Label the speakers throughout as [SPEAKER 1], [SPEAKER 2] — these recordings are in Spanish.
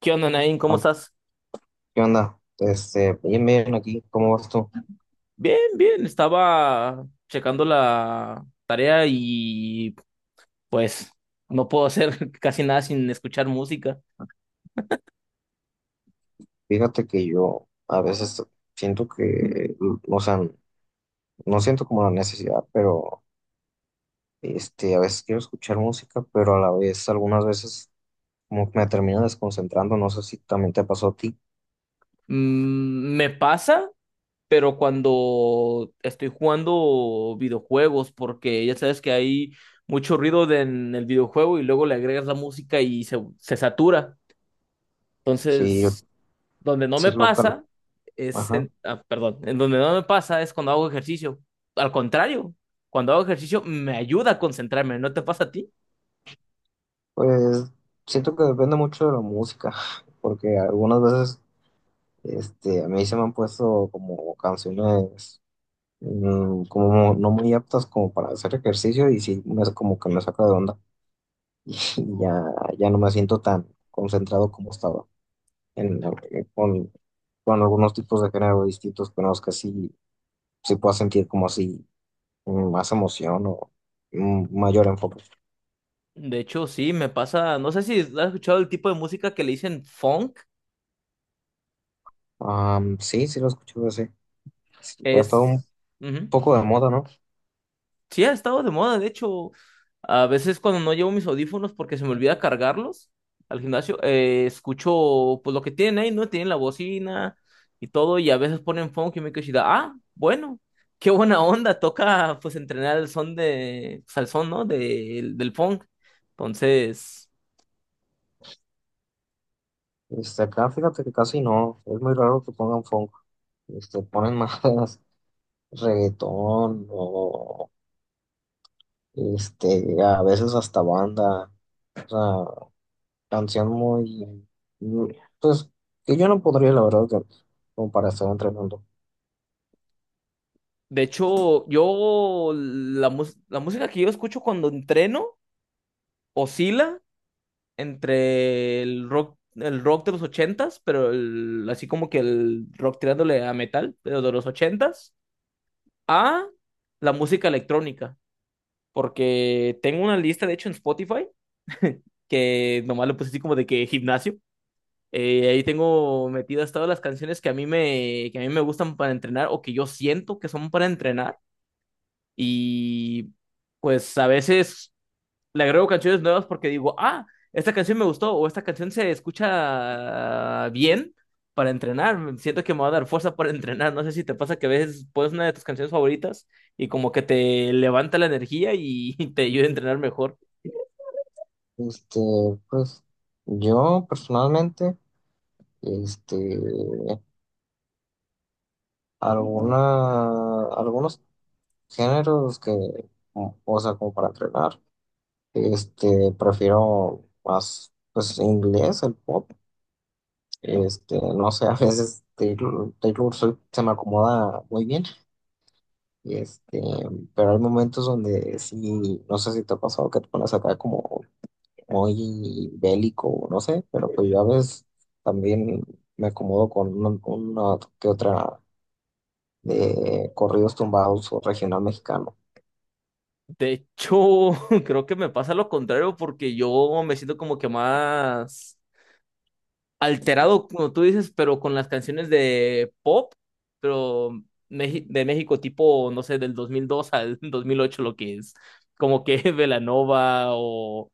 [SPEAKER 1] ¿Qué onda, Nain? ¿Cómo
[SPEAKER 2] Ah,
[SPEAKER 1] estás?
[SPEAKER 2] ¿Qué onda? Bien, bien aquí, ¿cómo vas tú?
[SPEAKER 1] Bien, bien. Estaba checando la tarea y pues no puedo hacer casi nada sin escuchar música.
[SPEAKER 2] Fíjate que yo a veces siento que, o sea, no siento como la necesidad, pero a veces quiero escuchar música, pero a la vez, algunas veces como que me termino desconcentrando, no sé si también te pasó a ti.
[SPEAKER 1] Mm, me pasa, pero cuando estoy jugando videojuegos, porque ya sabes que hay mucho ruido en el videojuego y luego le agregas la música y se satura.
[SPEAKER 2] Sí, yo,
[SPEAKER 1] Entonces, donde no me
[SPEAKER 2] sí, local,
[SPEAKER 1] pasa es
[SPEAKER 2] ajá.
[SPEAKER 1] en, perdón, en donde no me pasa es cuando hago ejercicio. Al contrario, cuando hago ejercicio me ayuda a concentrarme, ¿no te pasa a ti?
[SPEAKER 2] Pues siento que depende mucho de la música, porque algunas veces, a mí se me han puesto como canciones. Como no muy aptas como para hacer ejercicio y sí, como que me saca de onda y ya, ya no me siento tan concentrado como estaba en, eh, con, con algunos tipos de género distintos, pero es que sí, sí puedo sentir como así más emoción o mayor enfoque.
[SPEAKER 1] De hecho, sí, me pasa, no sé si has escuchado el tipo de música que le dicen funk,
[SPEAKER 2] Sí, sí lo escucho ese. Sí, ha estado un
[SPEAKER 1] es... Ujú.
[SPEAKER 2] poco de moda, ¿no?
[SPEAKER 1] Sí ha estado de moda. De hecho, a veces cuando no llevo mis audífonos porque se me olvida cargarlos al gimnasio, escucho pues lo que tienen ahí, ¿no? Tienen la bocina y todo, y a veces ponen funk y me quedo así de, ah, bueno, qué buena onda, toca pues entrenar el son de, pues, al son, ¿no? Del funk. Entonces,
[SPEAKER 2] Acá fíjate que casi no, es muy raro que pongan funk, ponen más reggaetón o. Este, a veces hasta banda, o sea, canción pues, que yo no podría, la verdad, que- como para estar entrenando.
[SPEAKER 1] de hecho, la música que yo escucho cuando entreno oscila entre el rock de los ochentas, pero así como que el rock tirándole a metal, pero de los ochentas, a la música electrónica. Porque tengo una lista, de hecho, en Spotify, que nomás le puse así como de que gimnasio. Ahí tengo metidas todas las canciones que que a mí me gustan para entrenar o que yo siento que son para entrenar. Y pues a veces le agrego canciones nuevas porque digo, ah, esta canción me gustó o esta canción se escucha bien para entrenar. Siento que me va a dar fuerza para entrenar. No sé si te pasa que a veces pones una de tus canciones favoritas y como que te levanta la energía y te ayuda a entrenar mejor.
[SPEAKER 2] Este, pues, yo personalmente, este, algunos géneros como para entrenar, prefiero más, pues, inglés, el pop, no sé, a veces Taylor Swift se me acomoda muy bien. Y pero hay momentos donde sí, no sé si te ha pasado que te pones acá como muy bélico, no sé, pero pues yo a veces también me acomodo con una que otra de corridos tumbados o regional mexicano.
[SPEAKER 1] De hecho, creo que me pasa lo contrario porque yo me siento como que más alterado, como tú dices, pero con las canciones de pop, pero de México tipo, no sé, del 2002 al 2008 lo que es, como que Belanova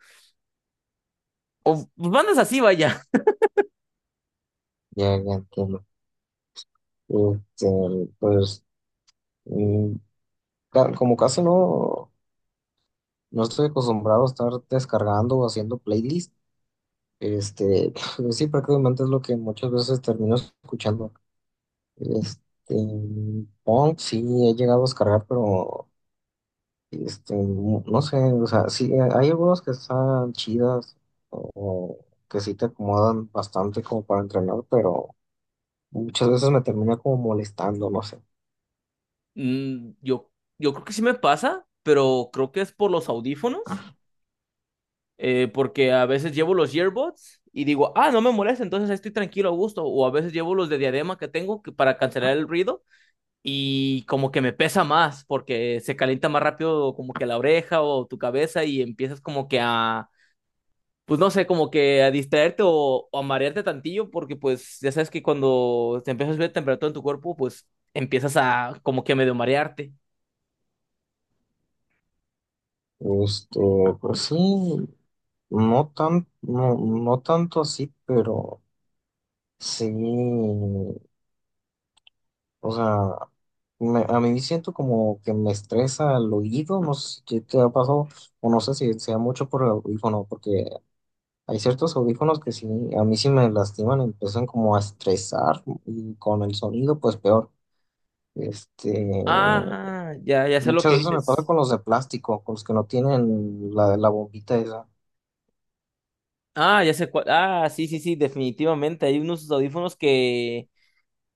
[SPEAKER 1] o bandas así, vaya.
[SPEAKER 2] Ya, ya entiendo. Este, pues mm, Como casi no, no estoy acostumbrado a estar descargando o haciendo playlist, pues sí, prácticamente es lo que muchas veces termino escuchando. Este, Pong sí he llegado a descargar, pero no sé, o sea, sí, hay algunos que están chidas o que sí te acomodan bastante como para entrenar, pero muchas veces me termina como molestando, no sé.
[SPEAKER 1] Mm, yo, yo creo que sí me pasa, pero creo que es por los audífonos, porque a veces llevo los earbuds y digo, ah, no me molesta, entonces ahí estoy tranquilo, a gusto, o a veces llevo los de diadema que tengo que, para cancelar el ruido y como que me pesa más porque se calienta más rápido como que la oreja o tu cabeza y empiezas como que a, pues no sé, como que a distraerte o a marearte tantillo porque pues ya sabes que cuando te empiezas a subir la temperatura en tu cuerpo, pues empiezas a como que medio marearte.
[SPEAKER 2] Este, pues sí, no tanto así, pero sí. O sea, a mí siento como que me estresa el oído, no sé si qué te ha pasado, o no sé si sea mucho por el audífono, porque hay ciertos audífonos que sí, a mí sí me lastiman, empiezan como a estresar y con el sonido pues peor. Este,
[SPEAKER 1] Ah, ya, ya sé lo que
[SPEAKER 2] Muchas veces me pasa
[SPEAKER 1] dices.
[SPEAKER 2] con los de plástico, con los que no tienen la bombita esa.
[SPEAKER 1] Ah, ya sé cuál. Ah, sí, sí, sí, definitivamente. Hay unos audífonos que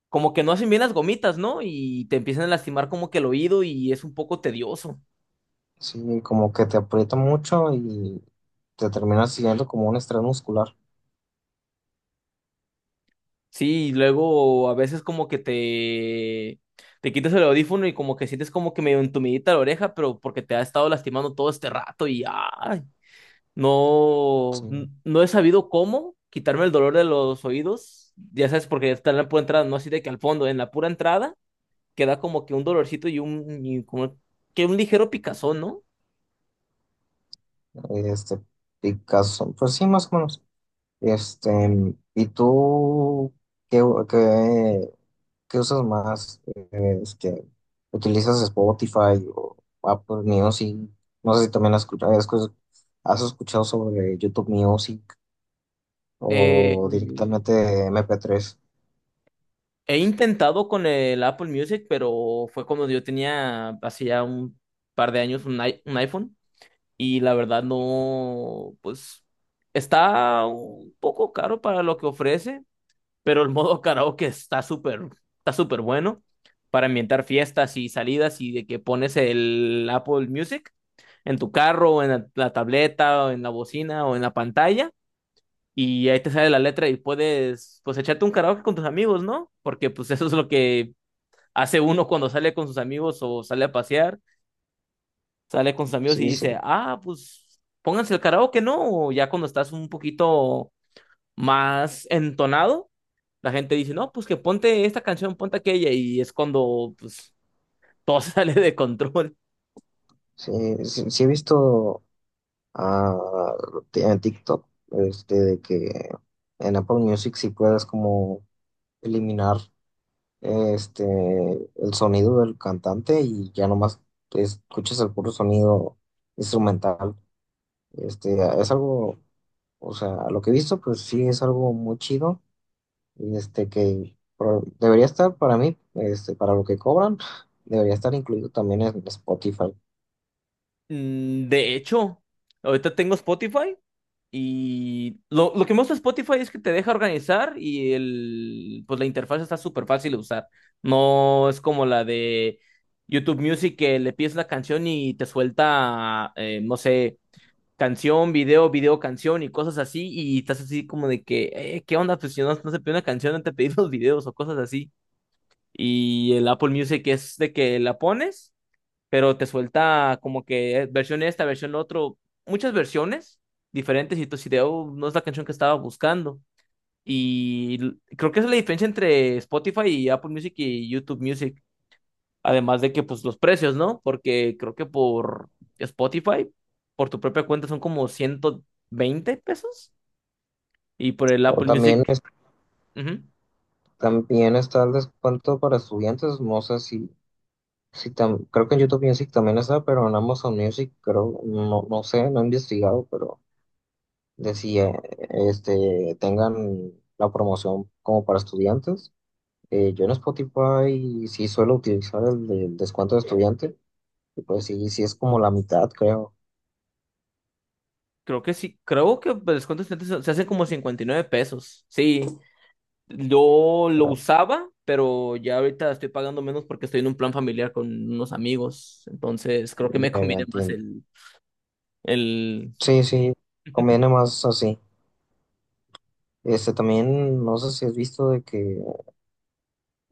[SPEAKER 1] como que no hacen bien las gomitas, ¿no? Y te empiezan a lastimar como que el oído y es un poco tedioso.
[SPEAKER 2] Sí, como que te aprieta mucho y te terminas siguiendo como un estrés muscular.
[SPEAKER 1] Sí, y luego a veces como que te quitas el audífono y como que sientes como que medio entumidita la oreja, pero porque te ha estado lastimando todo este rato y ay,
[SPEAKER 2] Sí,
[SPEAKER 1] no, no he sabido cómo quitarme el dolor de los oídos. Ya sabes, porque está en la pura entrada, no así de que al fondo, en la pura entrada queda como que un dolorcito y como que un ligero picazón, ¿no?
[SPEAKER 2] este, picazón, pues sí, más o menos. Este, ¿Y tú qué, qué, qué usas más? ¿Utilizas Spotify o Apple Music? No sé si también has escuchado sobre YouTube Music
[SPEAKER 1] Eh,
[SPEAKER 2] o directamente MP3.
[SPEAKER 1] he intentado con el Apple Music, pero fue cuando yo tenía hace ya un par de años un iPhone. Y la verdad no, pues está un poco caro para lo que ofrece, pero el modo karaoke está súper bueno para ambientar fiestas y salidas y de que pones el Apple Music en tu carro, o en la tableta, o en la bocina, o en la pantalla, y ahí te sale la letra y puedes, pues echarte un karaoke con tus amigos, ¿no? Porque pues eso es lo que hace uno cuando sale con sus amigos o sale a pasear sale con sus amigos y
[SPEAKER 2] Sí, sí,
[SPEAKER 1] dice, ah, pues pónganse el karaoke, ¿no? O ya cuando estás un poquito más entonado, la gente dice, no, pues que ponte esta canción, ponte aquella, y es cuando pues todo sale de control.
[SPEAKER 2] sí, sí, sí he visto. ah, en TikTok de que en Apple Music sí puedes como eliminar este, el sonido del cantante y ya nomás escuchas el puro sonido instrumental. Este, es algo, o sea, a lo que he visto, pues sí es algo muy chido, y debería estar para mí, para lo que cobran, debería estar incluido también en Spotify.
[SPEAKER 1] Mm, de hecho, ahorita tengo Spotify y lo que me gusta de Spotify es que te deja organizar y el, pues la interfaz está súper fácil de usar. No es como la de YouTube Music que le pides una canción y te suelta, no sé, canción, video, video, canción y cosas así, y estás así como de que, ¿qué onda? Pues si no, no se pide una canción, no te pedí los videos o cosas así. Y el Apple Music es de que la pones, pero te suelta como que versión esta, versión otro, muchas versiones diferentes y tú si de, "Oh, no es la canción que estaba buscando. Y creo que esa es la diferencia entre Spotify y Apple Music y YouTube Music. Además de que, pues, los precios, ¿no? Porque creo que por Spotify, por tu propia cuenta, son como 120 pesos. Y por el
[SPEAKER 2] O
[SPEAKER 1] Apple
[SPEAKER 2] también,
[SPEAKER 1] Music, ujú,
[SPEAKER 2] también está el descuento para estudiantes, no sé si, si tam- creo que en YouTube Music también está, pero en Amazon Music creo, no, no sé, no he investigado, pero de si tengan la promoción como para estudiantes. Yo en Spotify sí suelo utilizar el descuento de estudiante, y pues sí, sí es como la mitad, creo.
[SPEAKER 1] creo que sí. Creo que el descuento estudiantes se hace como 59 pesos. Sí, yo lo usaba, pero ya ahorita estoy pagando menos porque estoy en un plan familiar con unos amigos. Entonces, creo que me
[SPEAKER 2] Ya, ya
[SPEAKER 1] conviene más
[SPEAKER 2] entiendo.
[SPEAKER 1] el,
[SPEAKER 2] Sí, sí, conviene más así. También, no sé si has visto de que,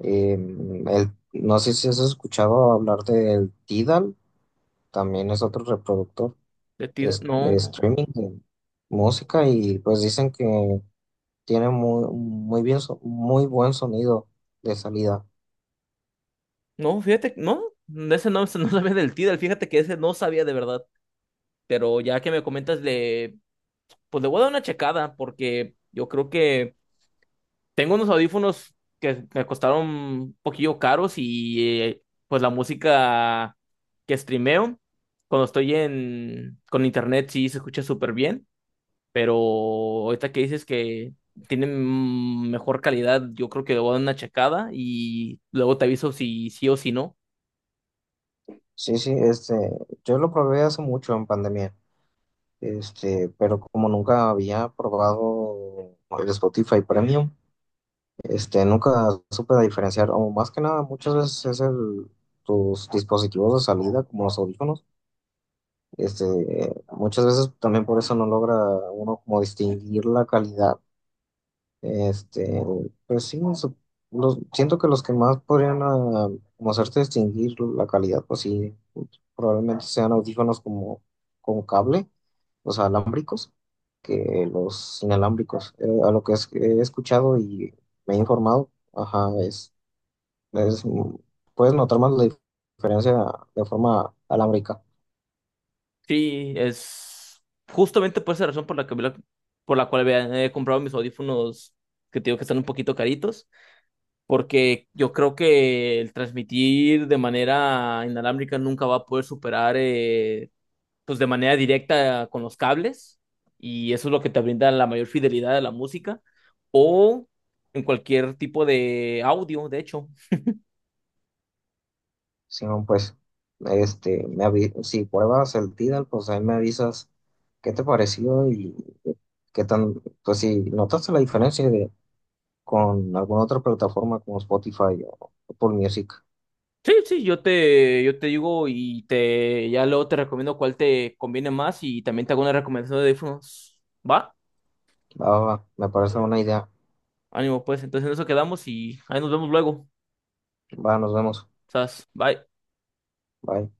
[SPEAKER 2] no sé si has escuchado hablar del Tidal, también es otro reproductor
[SPEAKER 1] de Tidal,
[SPEAKER 2] de
[SPEAKER 1] no,
[SPEAKER 2] streaming de música y pues dicen que tiene muy bien, muy buen sonido de salida.
[SPEAKER 1] no, fíjate, no, ese no, ese no sabía del Tidal, fíjate que ese no sabía de verdad. Pero ya que me comentas, le, pues le voy a dar una checada porque yo creo que tengo unos audífonos que me costaron un poquillo caros y pues la música que streameo cuando estoy en con internet sí se escucha súper bien, pero ahorita que dices que tienen mm, mejor calidad, yo creo que le voy a dar una checada y luego te aviso si sí o si no.
[SPEAKER 2] Sí, sí, yo lo probé hace mucho en pandemia, pero como nunca había probado el Spotify Premium, nunca supe diferenciar, o más que nada, muchas veces es tus dispositivos de salida, como los audífonos, este, muchas veces también por eso no logra uno como distinguir la calidad. Este, pues sí, siento que los que más podrían como hacerte distinguir la calidad, pues sí, probablemente sean audífonos como con cable, los alámbricos, que los inalámbricos. A lo que es- He escuchado y me he informado, ajá, es- puedes notar más la diferencia de forma alámbrica.
[SPEAKER 1] Sí, es justamente por esa razón por la que, por la cual he comprado mis audífonos que te digo que están un poquito caritos, porque yo creo que el transmitir de manera inalámbrica nunca va a poder superar, pues de manera directa con los cables, y eso es lo que te brinda la mayor fidelidad a la música, o en cualquier tipo de audio, de hecho.
[SPEAKER 2] Simón, pues, si pruebas el Tidal, pues ahí me avisas qué te pareció y qué tan, pues si notaste la diferencia de con alguna otra plataforma como Spotify o Apple Music.
[SPEAKER 1] Sí, sí, yo te digo y te, ya luego te recomiendo cuál te conviene más y también te hago una recomendación de audífonos. ¿Va?
[SPEAKER 2] Va, va, va, me parece una idea.
[SPEAKER 1] Ánimo, pues. Entonces en eso quedamos y ahí nos vemos luego.
[SPEAKER 2] Va, nos vemos.
[SPEAKER 1] Sas, bye.
[SPEAKER 2] Bye.